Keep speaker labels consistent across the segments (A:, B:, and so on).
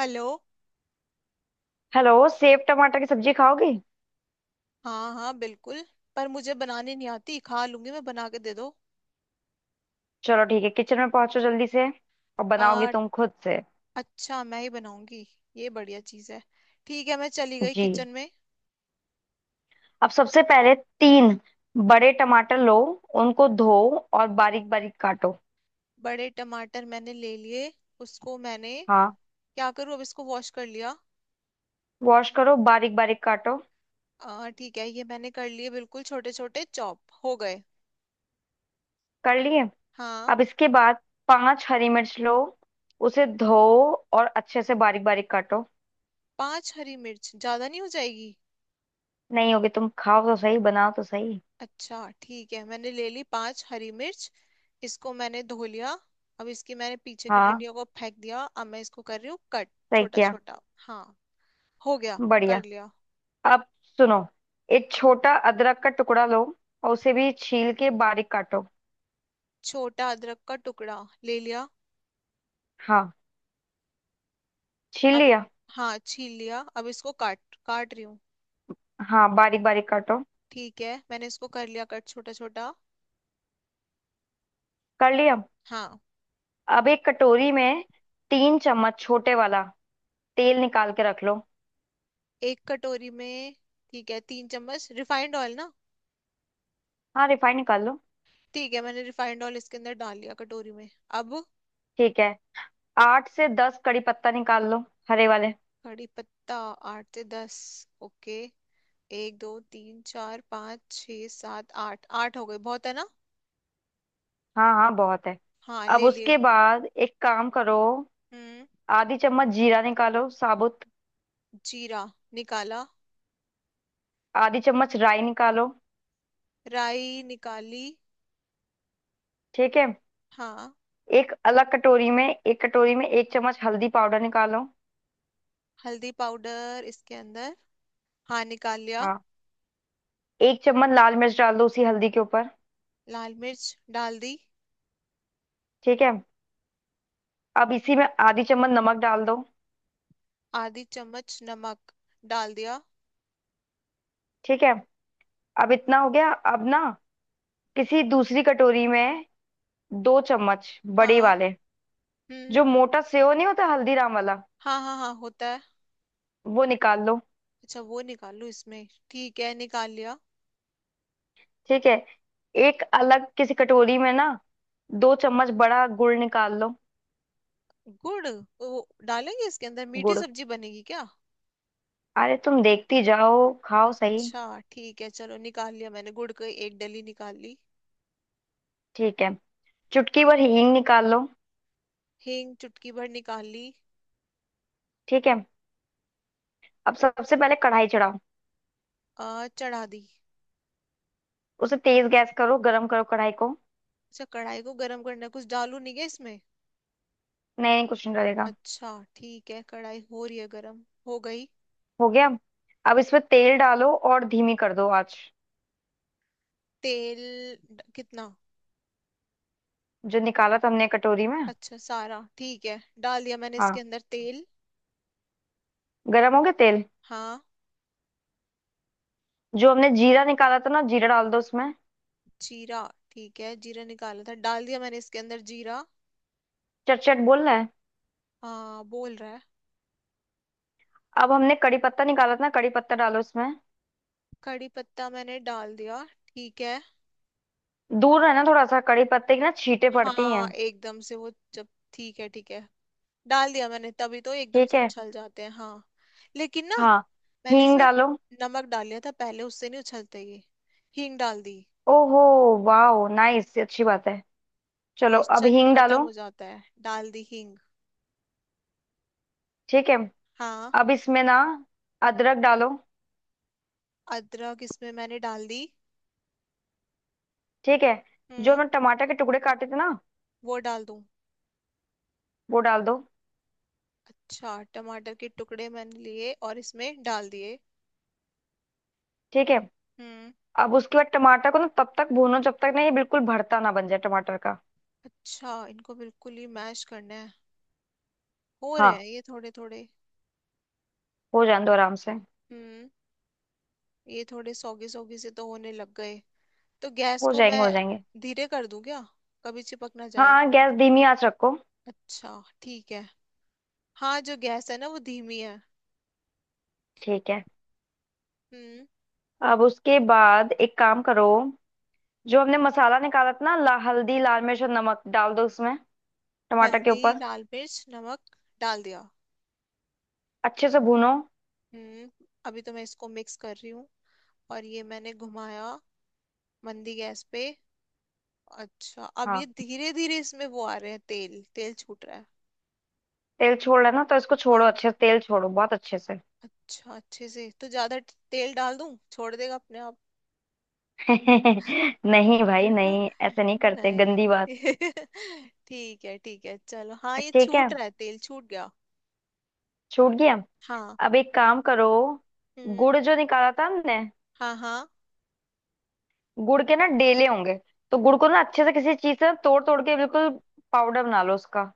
A: Hello.
B: Hello. सेब टमाटर की सब्जी खाओगे?
A: हाँ हाँ बिल्कुल। पर मुझे बनाने नहीं आती खा लूंगी मैं बना के दे दो।
B: चलो ठीक है, किचन में पहुंचो जल्दी से। और बनाओगी
A: आ,
B: तुम खुद से?
A: अच्छा मैं ही बनाऊंगी। ये बढ़िया चीज है। ठीक है मैं चली गई
B: जी।
A: किचन में।
B: अब सबसे पहले तीन बड़े टमाटर लो, उनको धो और बारीक बारीक काटो।
A: बड़े टमाटर मैंने ले लिए। उसको मैंने
B: हाँ,
A: क्या करूँ अब इसको वॉश कर लिया।
B: वॉश करो, बारीक बारीक काटो।
A: ठीक है ये मैंने कर लिए बिल्कुल छोटे छोटे चॉप हो गए।
B: कर लिए?
A: हाँ।
B: अब इसके बाद पांच हरी मिर्च लो, उसे धो और अच्छे से बारीक बारीक काटो।
A: पांच हरी मिर्च ज्यादा नहीं हो जाएगी?
B: नहीं होगी, तुम खाओ तो सही, बनाओ तो सही।
A: अच्छा ठीक है मैंने ले ली पांच हरी मिर्च। इसको मैंने धो लिया। अब इसकी मैंने पीछे की
B: हाँ,
A: डंडियों को फेंक दिया अब मैं इसको कर रही हूँ कट।
B: सही
A: छोटा
B: किया।
A: छोटा। हाँ। हो गया।
B: बढ़िया।
A: कर लिया।
B: अब सुनो, एक छोटा अदरक का टुकड़ा लो और उसे भी छील के बारीक काटो।
A: छोटा अदरक का टुकड़ा। ले लिया।
B: हाँ, छील
A: अब।
B: लिया।
A: हाँ छील लिया अब इसको काट काट रही हूँ।
B: हाँ, बारीक बारीक काटो।
A: ठीक है मैंने इसको कर लिया कट छोटा छोटा।
B: कर लिया?
A: हाँ।
B: अब एक कटोरी में 3 चम्मच छोटे वाला तेल निकाल के रख लो।
A: एक कटोरी में। ठीक है 3 चम्मच रिफाइंड ऑयल ना।
B: हाँ, रिफाइंड निकाल लो।
A: ठीक है मैंने रिफाइंड ऑयल इसके अंदर डाल लिया कटोरी में। अब।
B: ठीक है, 8 से 10 कड़ी पत्ता निकाल लो, हरे वाले।
A: कड़ी पत्ता। आठ से दस। ओके। एक दो तीन चार पाँच छः सात आठ आठ हो गए बहुत है ना।
B: हाँ हाँ, बहुत है।
A: हाँ
B: अब
A: ले लिए।
B: उसके बाद एक काम करो।
A: हम्म।
B: आधी चम्मच जीरा निकालो, साबुत।
A: जीरा। निकाला।
B: आधी चम्मच राई निकालो।
A: राई निकाली।
B: ठीक है।
A: हाँ।
B: एक अलग कटोरी में, एक कटोरी में एक चम्मच हल्दी पाउडर निकालो।
A: हल्दी पाउडर इसके अंदर। हाँ निकाल लिया।
B: हाँ। एक चम्मच लाल मिर्च डाल दो उसी हल्दी के ऊपर।
A: लाल मिर्च। डाल दी।
B: ठीक है। अब इसी में आधी चम्मच नमक डाल दो।
A: आधी चम्मच नमक। डाल दिया।
B: ठीक है। अब इतना हो गया। अब ना किसी दूसरी कटोरी में 2 चम्मच बड़े
A: हाँ।
B: वाले,
A: हम्म।
B: जो मोटा सेव नहीं होता हल्दीराम वाला,
A: हाँ हाँ हाँ होता है।
B: वो निकाल लो।
A: अच्छा वो निकाल लूँ इसमें ठीक है निकाल लिया।
B: ठीक है। एक अलग किसी कटोरी में ना, 2 चम्मच बड़ा गुड़ निकाल लो।
A: गुड़। वो डालेंगे इसके अंदर मीठी
B: गुड़।
A: सब्जी बनेगी क्या?
B: अरे, तुम देखती जाओ, खाओ सही।
A: अच्छा ठीक है चलो निकाल लिया मैंने गुड़ की एक डली निकाल ली।
B: ठीक है, चुटकी भर हींग निकाल लो।
A: हींग चुटकी भर निकाल ली।
B: ठीक है। अब सबसे पहले कढ़ाई चढ़ाओ।
A: चढ़ा दी।
B: उसे तेज गैस करो, गरम करो कढ़ाई को।
A: अच्छा कढ़ाई को गर्म करना है कुछ डालू नहीं क्या इसमें?
B: नहीं नहीं, कुछ नहीं डलेगा।
A: अच्छा। ठीक है कढ़ाई हो रही है गर्म हो गई।
B: हो गया? अब इसमें तेल डालो और धीमी कर दो आंच।
A: तेल। कितना?
B: जो निकाला था हमने कटोरी में।
A: अच्छा सारा ठीक है। डाल दिया मैंने
B: हाँ।
A: इसके अंदर तेल।
B: गरम हो गया तेल।
A: हाँ।
B: जो हमने जीरा निकाला था ना, जीरा डाल दो उसमें।
A: जीरा। ठीक है जीरा निकाला था डाल दिया मैंने इसके अंदर जीरा।
B: चट चट बोल रहा है।
A: हाँ बोल रहा है।
B: अब हमने कड़ी पत्ता निकाला था ना, कड़ी पत्ता डालो उसमें।
A: कड़ी पत्ता मैंने डाल दिया ठीक है।
B: दूर है ना थोड़ा सा, कड़ी पत्ते की ना छींटे पड़ती हैं।
A: हाँ एकदम से वो जब। ठीक है ठीक है। डाल दिया मैंने तभी तो एकदम
B: ठीक
A: से
B: है।
A: उछल जाते हैं हाँ। लेकिन ना।
B: हाँ,
A: मैंने
B: हींग
A: इसमें।
B: डालो।
A: नमक डाल लिया था पहले उससे नहीं उछलते ये। हींग डाल दी।
B: ओहो, वाह, नाइस, अच्छी बात है। चलो, अब
A: मॉइस्चर
B: हींग
A: खत्म
B: डालो।
A: हो जाता है डाल दी हींग।
B: ठीक है।
A: हाँ।
B: अब इसमें ना अदरक डालो।
A: अदरक इसमें मैंने डाल दी।
B: ठीक है। जो
A: हम्म।
B: हमने टमाटर के टुकड़े काटे थे ना,
A: वो डाल दूं?
B: वो डाल दो।
A: अच्छा टमाटर के टुकड़े मैंने लिए और इसमें डाल दिए।
B: ठीक है।
A: हम्म।
B: अब उसके बाद टमाटर को ना तब तक भूनो जब तक ना ये बिल्कुल भरता ना बन जाए टमाटर का।
A: अच्छा इनको बिल्कुल ही मैश करना है। हो रहे
B: हाँ,
A: हैं ये थोड़े थोड़े।
B: हो जाने दो आराम से।
A: हम्म। ये थोड़े सौगी सौगी से तो होने लग गए। तो गैस
B: हो
A: को
B: जाएंगे
A: मैं
B: हो जाएंगे।
A: धीरे कर दूं क्या? कभी चिपक ना जाए।
B: हाँ, गैस धीमी आंच रखो।
A: अच्छा ठीक है। हाँ जो गैस है ना वो धीमी है।
B: ठीक है।
A: हम्म।
B: अब उसके बाद एक काम करो। जो हमने मसाला निकाला था ना, हल्दी लाल मिर्च और नमक डाल दो उसमें, टमाटर के
A: हल्दी
B: ऊपर।
A: लाल मिर्च नमक डाल दिया।
B: अच्छे से भूनो।
A: हम्म। अभी तो मैं इसको मिक्स कर रही हूँ। और ये मैंने घुमाया मंदी गैस पे। अच्छा अब
B: हाँ,
A: ये धीरे धीरे इसमें वो आ रहे हैं तेल तेल छूट रहा है।
B: तेल छोड़ रहा है ना, तो इसको छोड़ो
A: हाँ।
B: अच्छे से, तेल छोड़ो बहुत अच्छे से।
A: अच्छा अच्छे से तो ज्यादा तेल डाल दूं छोड़ देगा अपने आप।
B: नहीं भाई
A: है ना।
B: नहीं, ऐसे नहीं करते, गंदी
A: नहीं
B: बात।
A: ठीक है चलो हाँ ये
B: ठीक है,
A: छूट रहा है तेल छूट गया।
B: छूट गया।
A: हाँ।
B: अब एक काम करो।
A: हम्म।
B: गुड़ जो निकाला था हमने,
A: हाँ हाँ।
B: गुड़ के ना डेले होंगे, तो गुड़ को ना अच्छे से किसी चीज से तोड़ तोड़ के बिल्कुल पाउडर बना लो उसका।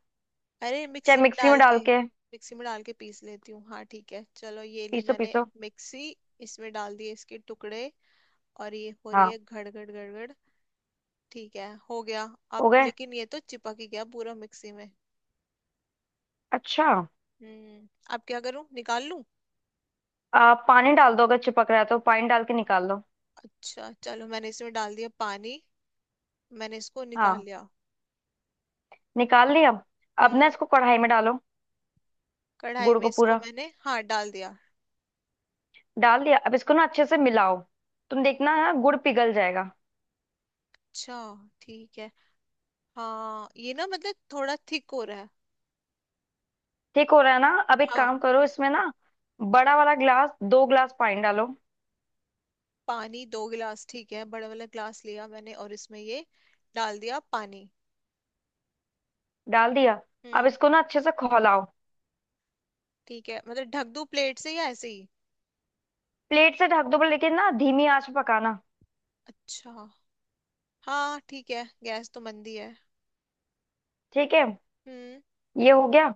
A: अरे
B: चाहे
A: मिक्सी में
B: मिक्सी में
A: डाल
B: डाल
A: के।
B: के
A: मिक्सी में डाल के पीस लेती हूँ हाँ ठीक है चलो ये ली
B: पीसो
A: मैंने
B: पीसो।
A: मिक्सी। इसमें डाल दिए इसके टुकड़े। और ये हो रही
B: हाँ,
A: है घड़ घड़ घड़ घड़। ठीक है हो गया।
B: हो
A: अब
B: गए?
A: लेकिन ये तो चिपक ही गया पूरा मिक्सी में।
B: अच्छा।
A: हम्म। अब क्या करूं निकाल लूं?
B: पानी डाल दो, अगर चिपक रहा है तो पानी डाल के निकाल लो।
A: अच्छा चलो मैंने इसमें डाल दिया पानी। मैंने इसको निकाल
B: हाँ,
A: लिया।
B: निकाल लिया? अब ना
A: हम्म।
B: इसको कढ़ाई में डालो,
A: कढ़ाई
B: गुड़
A: में
B: को
A: इसको
B: पूरा।
A: मैंने हाँ डाल दिया।
B: डाल दिया? अब इसको ना अच्छे से मिलाओ, तुम देखना ना गुड़ पिघल जाएगा।
A: अच्छा ठीक है। हाँ ये ना मतलब थोड़ा थिक हो रहा है।
B: ठीक हो रहा है ना? अब एक
A: हाँ
B: काम करो इसमें ना, बड़ा वाला ग्लास, 2 ग्लास पानी डालो।
A: पानी 2 गिलास ठीक है बड़ा वाला ग्लास लिया मैंने और इसमें ये डाल दिया पानी।
B: डाल दिया? अब
A: हम्म।
B: इसको ना अच्छे से खौलाओ।
A: ठीक है मतलब ढक दूं प्लेट से या ऐसे ही?
B: प्लेट से ढक दो, पर लेकिन ना धीमी आंच पे पकाना।
A: अच्छा। हाँ ठीक है गैस तो मंदी है।
B: ठीक है।
A: हम्म।
B: ये हो गया?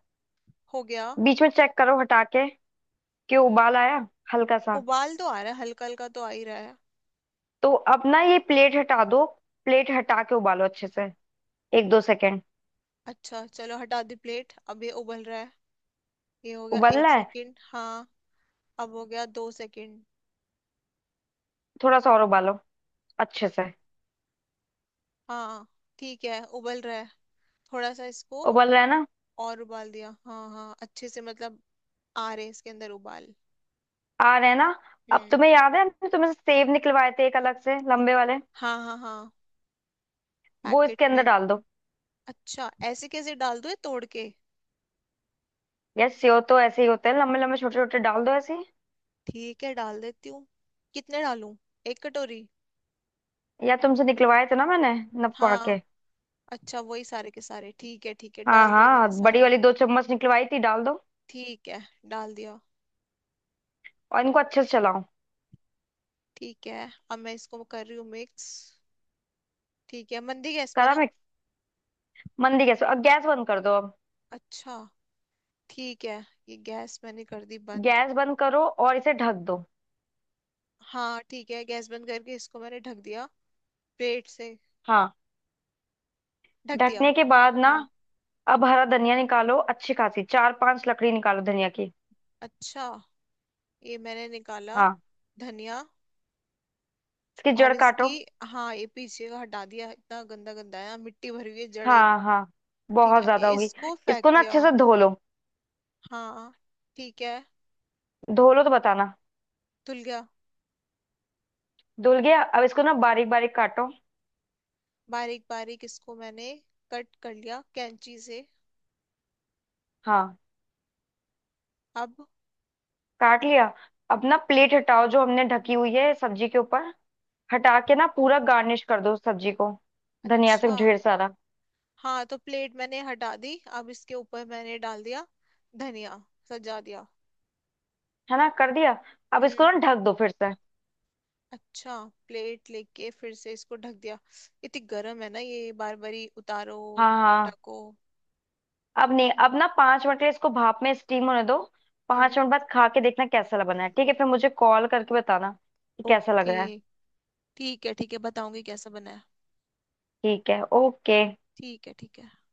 A: हो गया।
B: बीच में चेक करो हटा के, कि उबाल आया हल्का सा।
A: उबाल तो आ रहा है हल्का हल्का तो आ ही रहा है।
B: तो अब ना ये प्लेट हटा दो, प्लेट हटा के उबालो अच्छे से, एक दो सेकेंड।
A: अच्छा चलो हटा दी प्लेट अब ये उबल रहा है। ये हो गया
B: उबल
A: एक
B: रहा है।
A: सेकंड हाँ। अब हो गया 2 सेकंड।
B: थोड़ा सा और उबालो, अच्छे से।
A: हाँ ठीक है उबल रहा है। थोड़ा सा इसको
B: उबल रहा है ना?
A: और उबाल दिया हाँ हाँ अच्छे से मतलब आ रहे इसके अंदर उबाल।
B: आ रहा है ना? अब
A: हम्म।
B: तुम्हें याद है हमने तुमसे सेव निकलवाए थे एक अलग से, लंबे वाले?
A: हाँ हाँ हाँ।
B: वो
A: पैकेट
B: इसके अंदर
A: में।
B: डाल दो।
A: अच्छा ऐसे कैसे डाल दूँ ये तोड़ के।
B: यार सेव तो ऐसे ही होते हैं, लंबे लंबे छोटे छोटे, डाल दो ऐसे ही।
A: ठीक है डाल देती हूँ। कितने डालूं? एक कटोरी।
B: या तुमसे निकलवाए थे ना मैंने, नपवा
A: हाँ।
B: के।
A: अच्छा वही सारे के सारे ठीक है
B: हाँ
A: डाल दिए
B: हाँ,
A: मैंने
B: बड़ी
A: सारे।
B: वाली 2 चम्मच निकलवाई थी, डाल दो।
A: ठीक है डाल दिया।
B: और इनको अच्छे से चलाओ।
A: ठीक है अब मैं इसको कर रही हूँ मिक्स। ठीक है मंदी गैस पे
B: करा
A: ना।
B: मिक्स? मंदी गैस पे। अब गैस बंद कर दो अब।
A: अच्छा ठीक है। ये गैस मैंने कर दी बंद।
B: गैस बंद करो और इसे ढक दो।
A: हाँ ठीक है गैस बंद करके इसको मैंने ढक दिया प्लेट से।
B: हाँ।
A: ढक दिया।
B: ढकने के बाद ना
A: हम्म।
B: अब हरा धनिया निकालो, अच्छी खासी चार पांच लकड़ी निकालो धनिया की।
A: अच्छा ये मैंने निकाला
B: हाँ।
A: धनिया।
B: इसकी जड़
A: और
B: काटो।
A: इसकी हाँ ये पीछे का हटा दिया इतना गंदा गंदा है मिट्टी भरी हुई है जड़े।
B: हाँ हाँ,
A: ठीक
B: बहुत
A: है
B: ज्यादा होगी।
A: इसको फेंक
B: इसको ना अच्छे
A: दिया।
B: से धो लो।
A: हाँ। ठीक है।
B: धो लो तो बताना।
A: धुल गया।
B: धुल गया? अब इसको ना बारीक बारीक काटो।
A: बारीक बारीक इसको मैंने कट कर लिया कैंची से।
B: हाँ,
A: अब।
B: काट लिया? अब ना प्लेट हटाओ जो हमने ढकी हुई है सब्जी के ऊपर, हटा के ना पूरा गार्निश कर दो उस सब्जी को, धनिया से
A: अच्छा
B: ढेर सारा।
A: हाँ तो प्लेट मैंने हटा दी अब इसके ऊपर मैंने डाल दिया धनिया सजा दिया।
B: है ना, कर दिया? अब
A: हम्म।
B: इसको ना ढक दो फिर से।
A: अच्छा प्लेट लेके फिर से इसको ढक दिया। इतनी गर्म है ना ये बार बारी उतारो और
B: हाँ हाँ।
A: ढको।
B: अब नहीं, अब ना 5 मिनट के लिए इसको भाप में स्टीम होने दो।
A: हम्म।
B: 5 मिनट बाद खा के देखना कैसा लग बना है, ठीक है? फिर मुझे कॉल करके बताना कि कैसा लग
A: ओके।
B: रहा है।
A: ठीक है बताऊंगी कैसा बना है।
B: ठीक है, ओके।
A: ठीक है ठीक है।